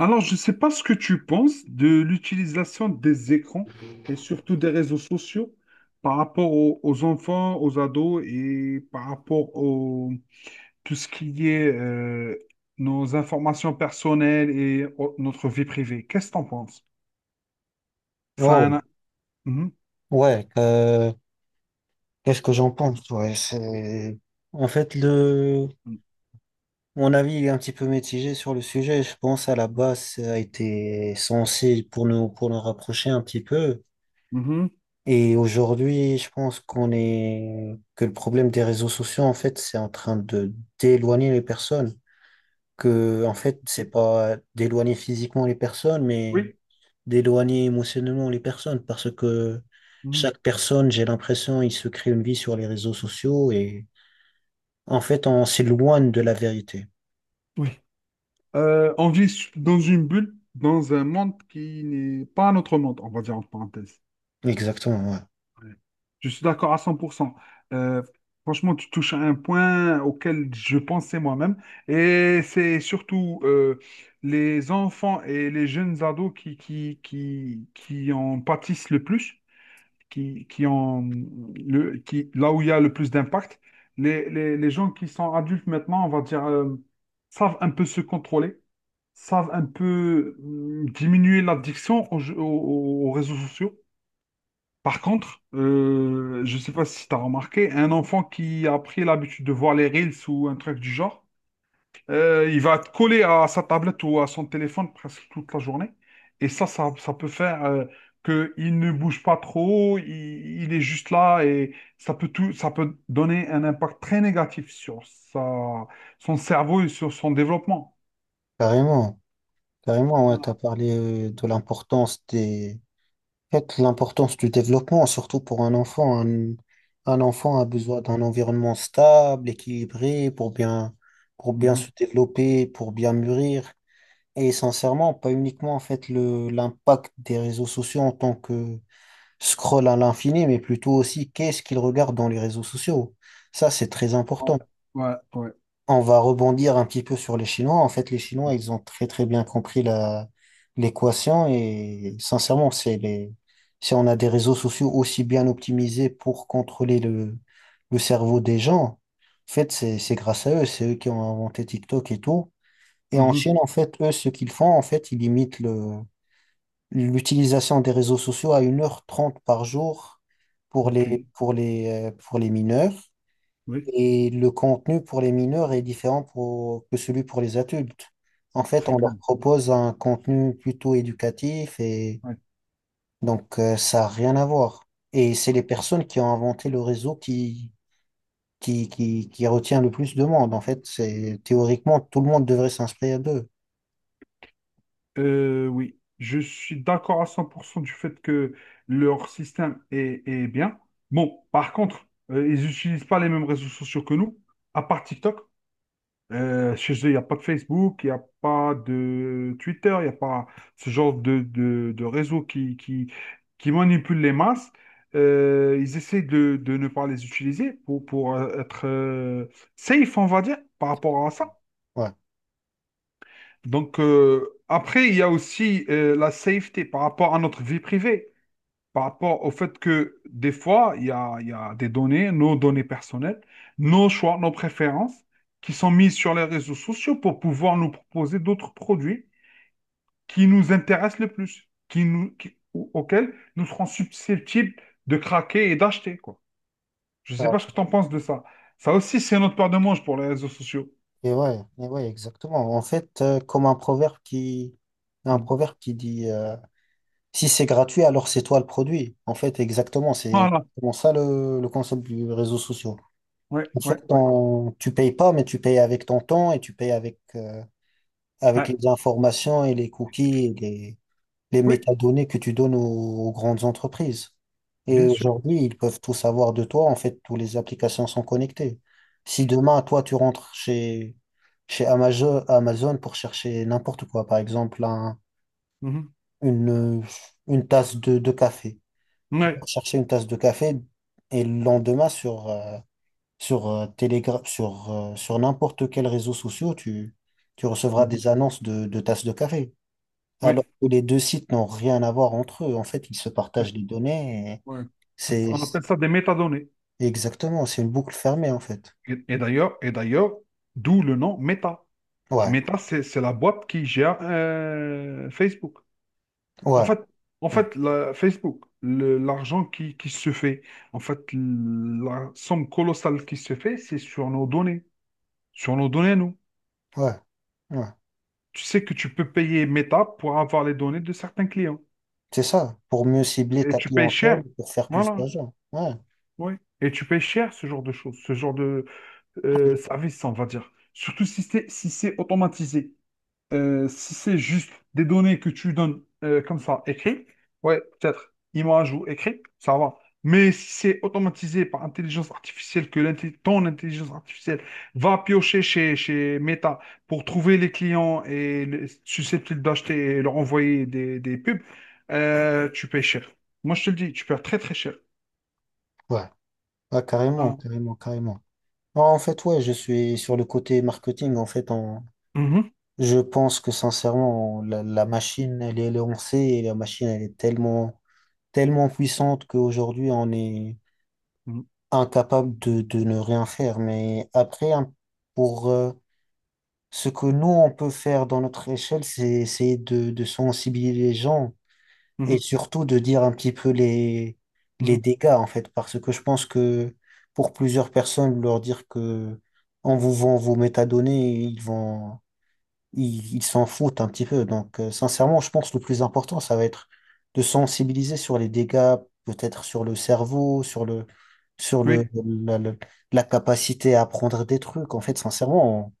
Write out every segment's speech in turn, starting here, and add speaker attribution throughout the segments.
Speaker 1: Alors, je ne sais pas ce que tu penses de l'utilisation des écrans et surtout des réseaux sociaux par rapport aux, enfants, aux ados et par rapport au tout ce qui est nos informations personnelles et notre vie privée. Qu'est-ce que tu en penses? Ça a
Speaker 2: Oh,
Speaker 1: un- Mhm.
Speaker 2: ouais, qu'est-ce que j'en pense? Ouais, c'est... En fait, le... mon avis il est un petit peu mitigé sur le sujet. Je pense à la base, ça a été censé pour nous rapprocher un petit peu.
Speaker 1: Mhm.
Speaker 2: Et aujourd'hui, je pense qu'on est, que le problème des réseaux sociaux, en fait, c'est en train de d'éloigner les personnes. Que, en fait, c'est
Speaker 1: Ok.
Speaker 2: pas d'éloigner physiquement les personnes, mais
Speaker 1: Oui.
Speaker 2: d'éloigner émotionnellement les personnes parce que
Speaker 1: Mhm.
Speaker 2: chaque personne, j'ai l'impression, il se crée une vie sur les réseaux sociaux et en fait, on s'éloigne de la vérité.
Speaker 1: Oui. On vit dans une bulle, dans un monde qui n'est pas notre monde, on va dire en parenthèse.
Speaker 2: Exactement, ouais.
Speaker 1: Ouais. Je suis d'accord à 100%. Euh, Franchement, tu touches à un point auquel je pensais moi-même. Et c'est surtout les enfants et les jeunes ados qui en pâtissent le plus, qui en, le, qui, là où il y a le plus d'impact. Les gens qui sont adultes maintenant, on va dire, savent un peu se contrôler, savent un peu diminuer l'addiction aux aux réseaux sociaux. Par contre, je ne sais pas si tu as remarqué, un enfant qui a pris l'habitude de voir les reels ou un truc du genre, il va te coller à sa tablette ou à son téléphone presque toute la journée. Et ça peut faire que qu'il ne bouge pas trop, il est juste là et ça peut tout, ça peut donner un impact très négatif sur sa, son cerveau et sur son développement.
Speaker 2: Carrément, carrément, ouais. T'as
Speaker 1: Voilà.
Speaker 2: parlé de l'importance des, en fait, l'importance du développement, surtout pour un enfant. Un enfant a besoin d'un environnement stable, équilibré, pour bien
Speaker 1: Mhm.
Speaker 2: se développer, pour bien mûrir. Et sincèrement, pas uniquement en fait le l'impact des réseaux sociaux en tant que Scroll à l'infini, mais plutôt aussi qu'est-ce qu'ils regardent dans les réseaux sociaux. Ça, c'est très important.
Speaker 1: Ouais, ouais.
Speaker 2: On va rebondir un petit peu sur les Chinois. En fait, les Chinois, ils ont très très bien compris la l'équation et sincèrement, c'est les si on a des réseaux sociaux aussi bien optimisés pour contrôler le cerveau des gens, en fait, c'est grâce à eux, c'est eux qui ont inventé TikTok et tout. Et en
Speaker 1: Mhm.
Speaker 2: Chine, en fait, eux, ce qu'ils font, en fait, ils imitent le l'utilisation des réseaux sociaux à 1h30 par jour pour
Speaker 1: Ok.
Speaker 2: les, pour les, pour les mineurs.
Speaker 1: Oui,
Speaker 2: Et le contenu pour les mineurs est différent pour- que celui pour les adultes. En fait,
Speaker 1: c'est
Speaker 2: on
Speaker 1: clair.
Speaker 2: leur propose un contenu plutôt éducatif et donc ça n'a rien à voir. Et c'est les personnes qui ont inventé le réseau qui, qui retient le plus de monde. En fait, c'est théoriquement, tout le monde devrait s'inscrire d'eux.
Speaker 1: Oui, je suis d'accord à 100% du fait que leur système est, est bien. Bon, par contre, ils n'utilisent pas les mêmes réseaux sociaux que nous, à part TikTok. Chez eux, il n'y a pas de Facebook, il n'y a pas de Twitter, il n'y a pas ce genre de réseau qui manipule les masses. Ils essaient de ne pas les utiliser pour être safe, on va dire, par rapport à ça.
Speaker 2: Ouais.
Speaker 1: Donc, après, il y a aussi la safety par rapport à notre vie privée, par rapport au fait que des fois, il y a des données, nos données personnelles, nos choix, nos préférences, qui sont mises sur les réseaux sociaux pour pouvoir nous proposer d'autres produits qui nous intéressent le plus, qui nous, qui- au- auxquels nous serons susceptibles de craquer et d'acheter, quoi. Je ne sais pas ce que tu en penses de ça. Ça aussi, c'est notre paire de manches pour les réseaux sociaux.
Speaker 2: Et ouais, et ouais, exactement. En fait, comme un
Speaker 1: Mm.
Speaker 2: proverbe qui dit si c'est gratuit, alors c'est toi le produit. En fait, exactement, c'est
Speaker 1: Voilà.
Speaker 2: vraiment ça le concept du réseau social.
Speaker 1: Ouais,
Speaker 2: En fait,
Speaker 1: ouais, ouais.
Speaker 2: tu payes pas, mais tu payes avec ton temps et tu payes avec, avec
Speaker 1: Ouais.
Speaker 2: les informations et les cookies et les
Speaker 1: Oui,
Speaker 2: métadonnées que tu donnes aux, aux grandes entreprises. Et
Speaker 1: bien sûr.
Speaker 2: aujourd'hui, ils peuvent tout savoir de toi. En fait, toutes les applications sont connectées. Si demain, toi, tu rentres chez Amazon, Amazon pour chercher n'importe quoi, par exemple, un- une, une tasse de café. Tu peux
Speaker 1: Ouais.
Speaker 2: chercher une tasse de café et le lendemain, sur, Telegra- sur n'importe quel réseau social, tu recevras
Speaker 1: Mhm.
Speaker 2: des annonces de tasses de café
Speaker 1: Ouais.
Speaker 2: alors que les deux sites n'ont rien à voir entre eux. En fait, ils se
Speaker 1: Ouais.
Speaker 2: partagent les données. Et
Speaker 1: Ouais.
Speaker 2: C'est
Speaker 1: On appelle
Speaker 2: c'est-
Speaker 1: ça des métadonnées.
Speaker 2: exactement, c'est une boucle fermée en fait.
Speaker 1: Et d'ailleurs, d'où le nom Meta.
Speaker 2: Ouais,
Speaker 1: Meta, c'est la boîte qui gère Facebook. En
Speaker 2: ouais,
Speaker 1: fait, en
Speaker 2: ouais,
Speaker 1: fait, la- Facebook, l'argent qui se fait, en fait, la somme colossale qui se fait, c'est sur nos données. Sur nos données, nous.
Speaker 2: ouais. Ouais.
Speaker 1: Tu sais que tu peux payer Meta pour avoir les données de certains clients.
Speaker 2: C'est ça, pour mieux cibler
Speaker 1: Et
Speaker 2: ta
Speaker 1: tu payes
Speaker 2: clientèle,
Speaker 1: cher.
Speaker 2: pour faire plus
Speaker 1: Voilà.
Speaker 2: d'argent. Ouais,
Speaker 1: Oui. Et tu payes cher ce genre de choses, ce genre de, service, on va dire. Surtout si c'est automatisé. Si c'est juste des données que tu donnes comme ça, écrit, ouais, peut-être image ou écrit, ça va. Mais si c'est automatisé par intelligence artificielle, que ton intelligence artificielle va piocher chez Meta pour trouver les clients et susceptibles d'acheter et leur envoyer des pubs, tu payes cher. Moi, je te le dis, tu payes très très cher.
Speaker 2: ouais, ouais, carrément,
Speaker 1: Hein.
Speaker 2: carrément, carrément. Non, en fait, ouais, je suis sur le côté marketing. En fait, on-
Speaker 1: Mhm.
Speaker 2: je pense que sincèrement, la machine, elle est lancée et la machine, elle est tellement, tellement puissante qu'aujourd'hui, on est
Speaker 1: Mhm.
Speaker 2: incapable de ne rien faire. Mais après, hein, pour ce que nous, on peut faire dans notre échelle, c'est essayer de sensibiliser les gens et surtout de dire un petit peu
Speaker 1: Mhm.
Speaker 2: les
Speaker 1: Mhm.
Speaker 2: dégâts, en fait, parce que je pense que pour plusieurs personnes, leur dire que on vous vend vos métadonnées, ils vont, ils s'en foutent un petit peu. Donc, sincèrement, je pense que le plus important, ça va être de sensibiliser sur les dégâts, peut-être sur le cerveau, sur
Speaker 1: Oui.
Speaker 2: le- la capacité à apprendre des trucs. En fait, sincèrement,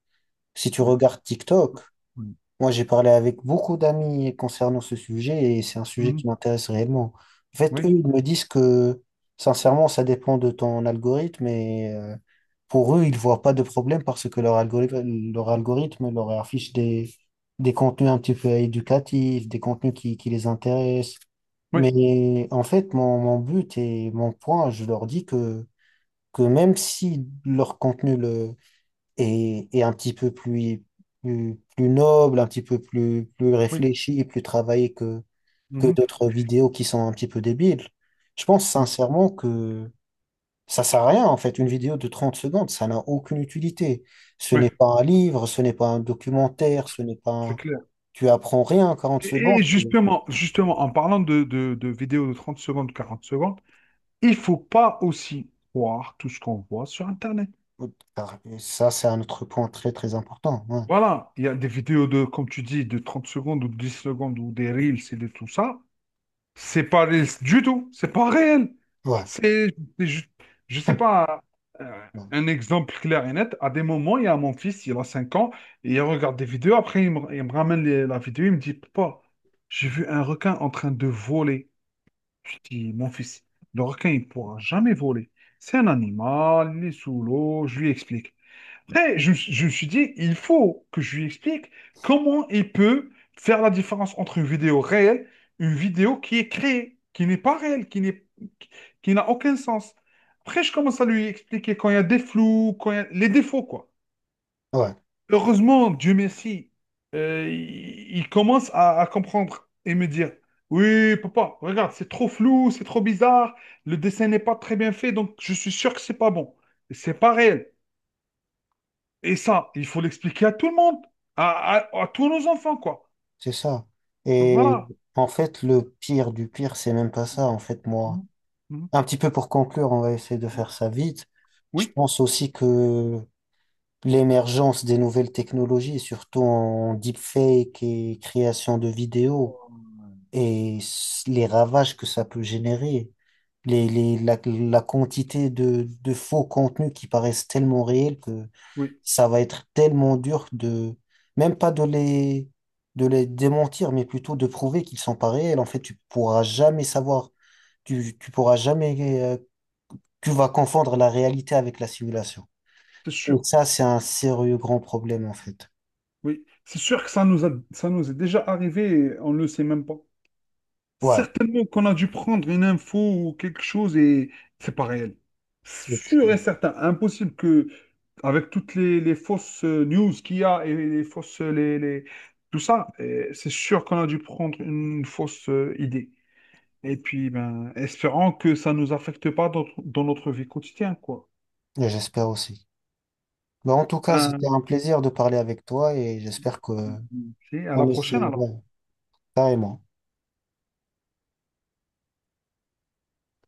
Speaker 2: si tu
Speaker 1: Ouais.
Speaker 2: regardes TikTok,
Speaker 1: Mm.
Speaker 2: moi, j'ai parlé avec beaucoup d'amis concernant ce sujet et c'est un sujet
Speaker 1: Mhm.
Speaker 2: qui m'intéresse réellement. En fait, eux,
Speaker 1: Oui,
Speaker 2: ils me disent que, sincèrement, ça dépend de ton algorithme et pour eux, ils voient pas de problème parce que leur algorithme, leur algorithme leur affiche des contenus un petit peu éducatifs, des contenus qui les intéressent.
Speaker 1: oui,
Speaker 2: Mais en fait, mon but et mon point, je leur dis que même si leur contenu et un petit peu plus, plus noble, un petit peu plus, plus
Speaker 1: oui,
Speaker 2: réfléchi plus travaillé que
Speaker 1: Mhm.
Speaker 2: d'autres vidéos qui sont un petit peu débiles. Je pense
Speaker 1: oui,
Speaker 2: sincèrement que ça sert à rien, en fait, une vidéo de 30 secondes, ça n'a aucune utilité. Ce
Speaker 1: oui,
Speaker 2: n'est pas un livre, ce n'est pas un documentaire, ce n'est pas
Speaker 1: c'est
Speaker 2: un-
Speaker 1: clair.
Speaker 2: Tu apprends rien en quarante
Speaker 1: Et
Speaker 2: secondes.
Speaker 1: et justement, justement, en parlant de vidéos de 30 secondes, 40 secondes, il faut pas aussi croire tout ce qu'on voit sur Internet.
Speaker 2: Car- ça, c'est un autre point très, très important. Ouais,
Speaker 1: Voilà, il y a des vidéos de, comme tu dis, de 30 secondes ou 10 secondes ou des reels et de tout ça. C'est pas ré- du tout, C'est pas réel.
Speaker 2: ouais,
Speaker 1: C'est, c'est ju- je sais pas, euh,
Speaker 2: bon,
Speaker 1: un exemple clair et net. À des moments, il y a mon fils, il a 5 ans, et il regarde des vidéos. Après, il me ramène la vidéo, il me dit, Papa, j'ai vu un requin en train de voler. Je dis, mon fils, le requin, il pourra jamais voler. C'est un animal, il est sous l'eau. Je lui explique. Après, je me suis dit, il faut que je lui explique comment il peut faire la différence entre une vidéo réelle, une vidéo qui est créée, qui n'est pas réelle, qui qui n'a aucun sens. Après, je commence à lui expliquer quand il y a des flous, quand il y a les défauts, quoi.
Speaker 2: ouais,
Speaker 1: Heureusement, Dieu merci, il commence à comprendre et me dire, oui, papa, regarde, c'est trop flou, c'est trop bizarre, le dessin n'est pas très bien fait, donc je suis sûr que c'est pas bon. C'est pas réel. Et ça, il faut l'expliquer à tout le monde, à, à tous nos enfants, quoi.
Speaker 2: c'est ça.
Speaker 1: Donc
Speaker 2: Et
Speaker 1: voilà.
Speaker 2: en fait, le pire du pire, c'est même pas ça. En fait, moi,
Speaker 1: Mhm.
Speaker 2: un petit peu pour conclure, on va essayer de
Speaker 1: Mhm.
Speaker 2: faire ça vite. Je
Speaker 1: Oui.
Speaker 2: pense aussi que l'émergence des nouvelles technologies, surtout en deepfake et création de vidéos, et s- les ravages que ça peut générer, les- la quantité de faux contenus qui paraissent tellement réels que
Speaker 1: Oui,
Speaker 2: ça va être tellement dur de, même pas de les, de les démentir, mais plutôt de prouver qu'ils sont pas réels. En fait, tu pourras jamais savoir, tu pourras jamais euh, tu vas confondre la réalité avec la simulation.
Speaker 1: c'est
Speaker 2: Et
Speaker 1: sûr.
Speaker 2: ça, c'est un sérieux grand problème, en fait.
Speaker 1: Oui, c'est sûr que ça nous est déjà arrivé et on ne le sait même pas.
Speaker 2: Ouais,
Speaker 1: Certainement qu'on a dû prendre une info ou quelque chose et c'est pas réel.
Speaker 2: et-
Speaker 1: Sûr et certain, impossible que, avec toutes les fausses news qu'il y a et les fausses, tout ça, c'est sûr qu'on a dû prendre une fausse idée. Et puis, ben, espérant que ça ne nous affecte pas dans, dans notre vie quotidienne, quoi.
Speaker 2: et j'espère aussi. Mais en tout cas, c'était
Speaker 1: Ben,
Speaker 2: un plaisir de parler avec toi et j'espère que
Speaker 1: c'est à la
Speaker 2: on
Speaker 1: prochaine,
Speaker 2: essaie,
Speaker 1: alors.
Speaker 2: ouais, carrément.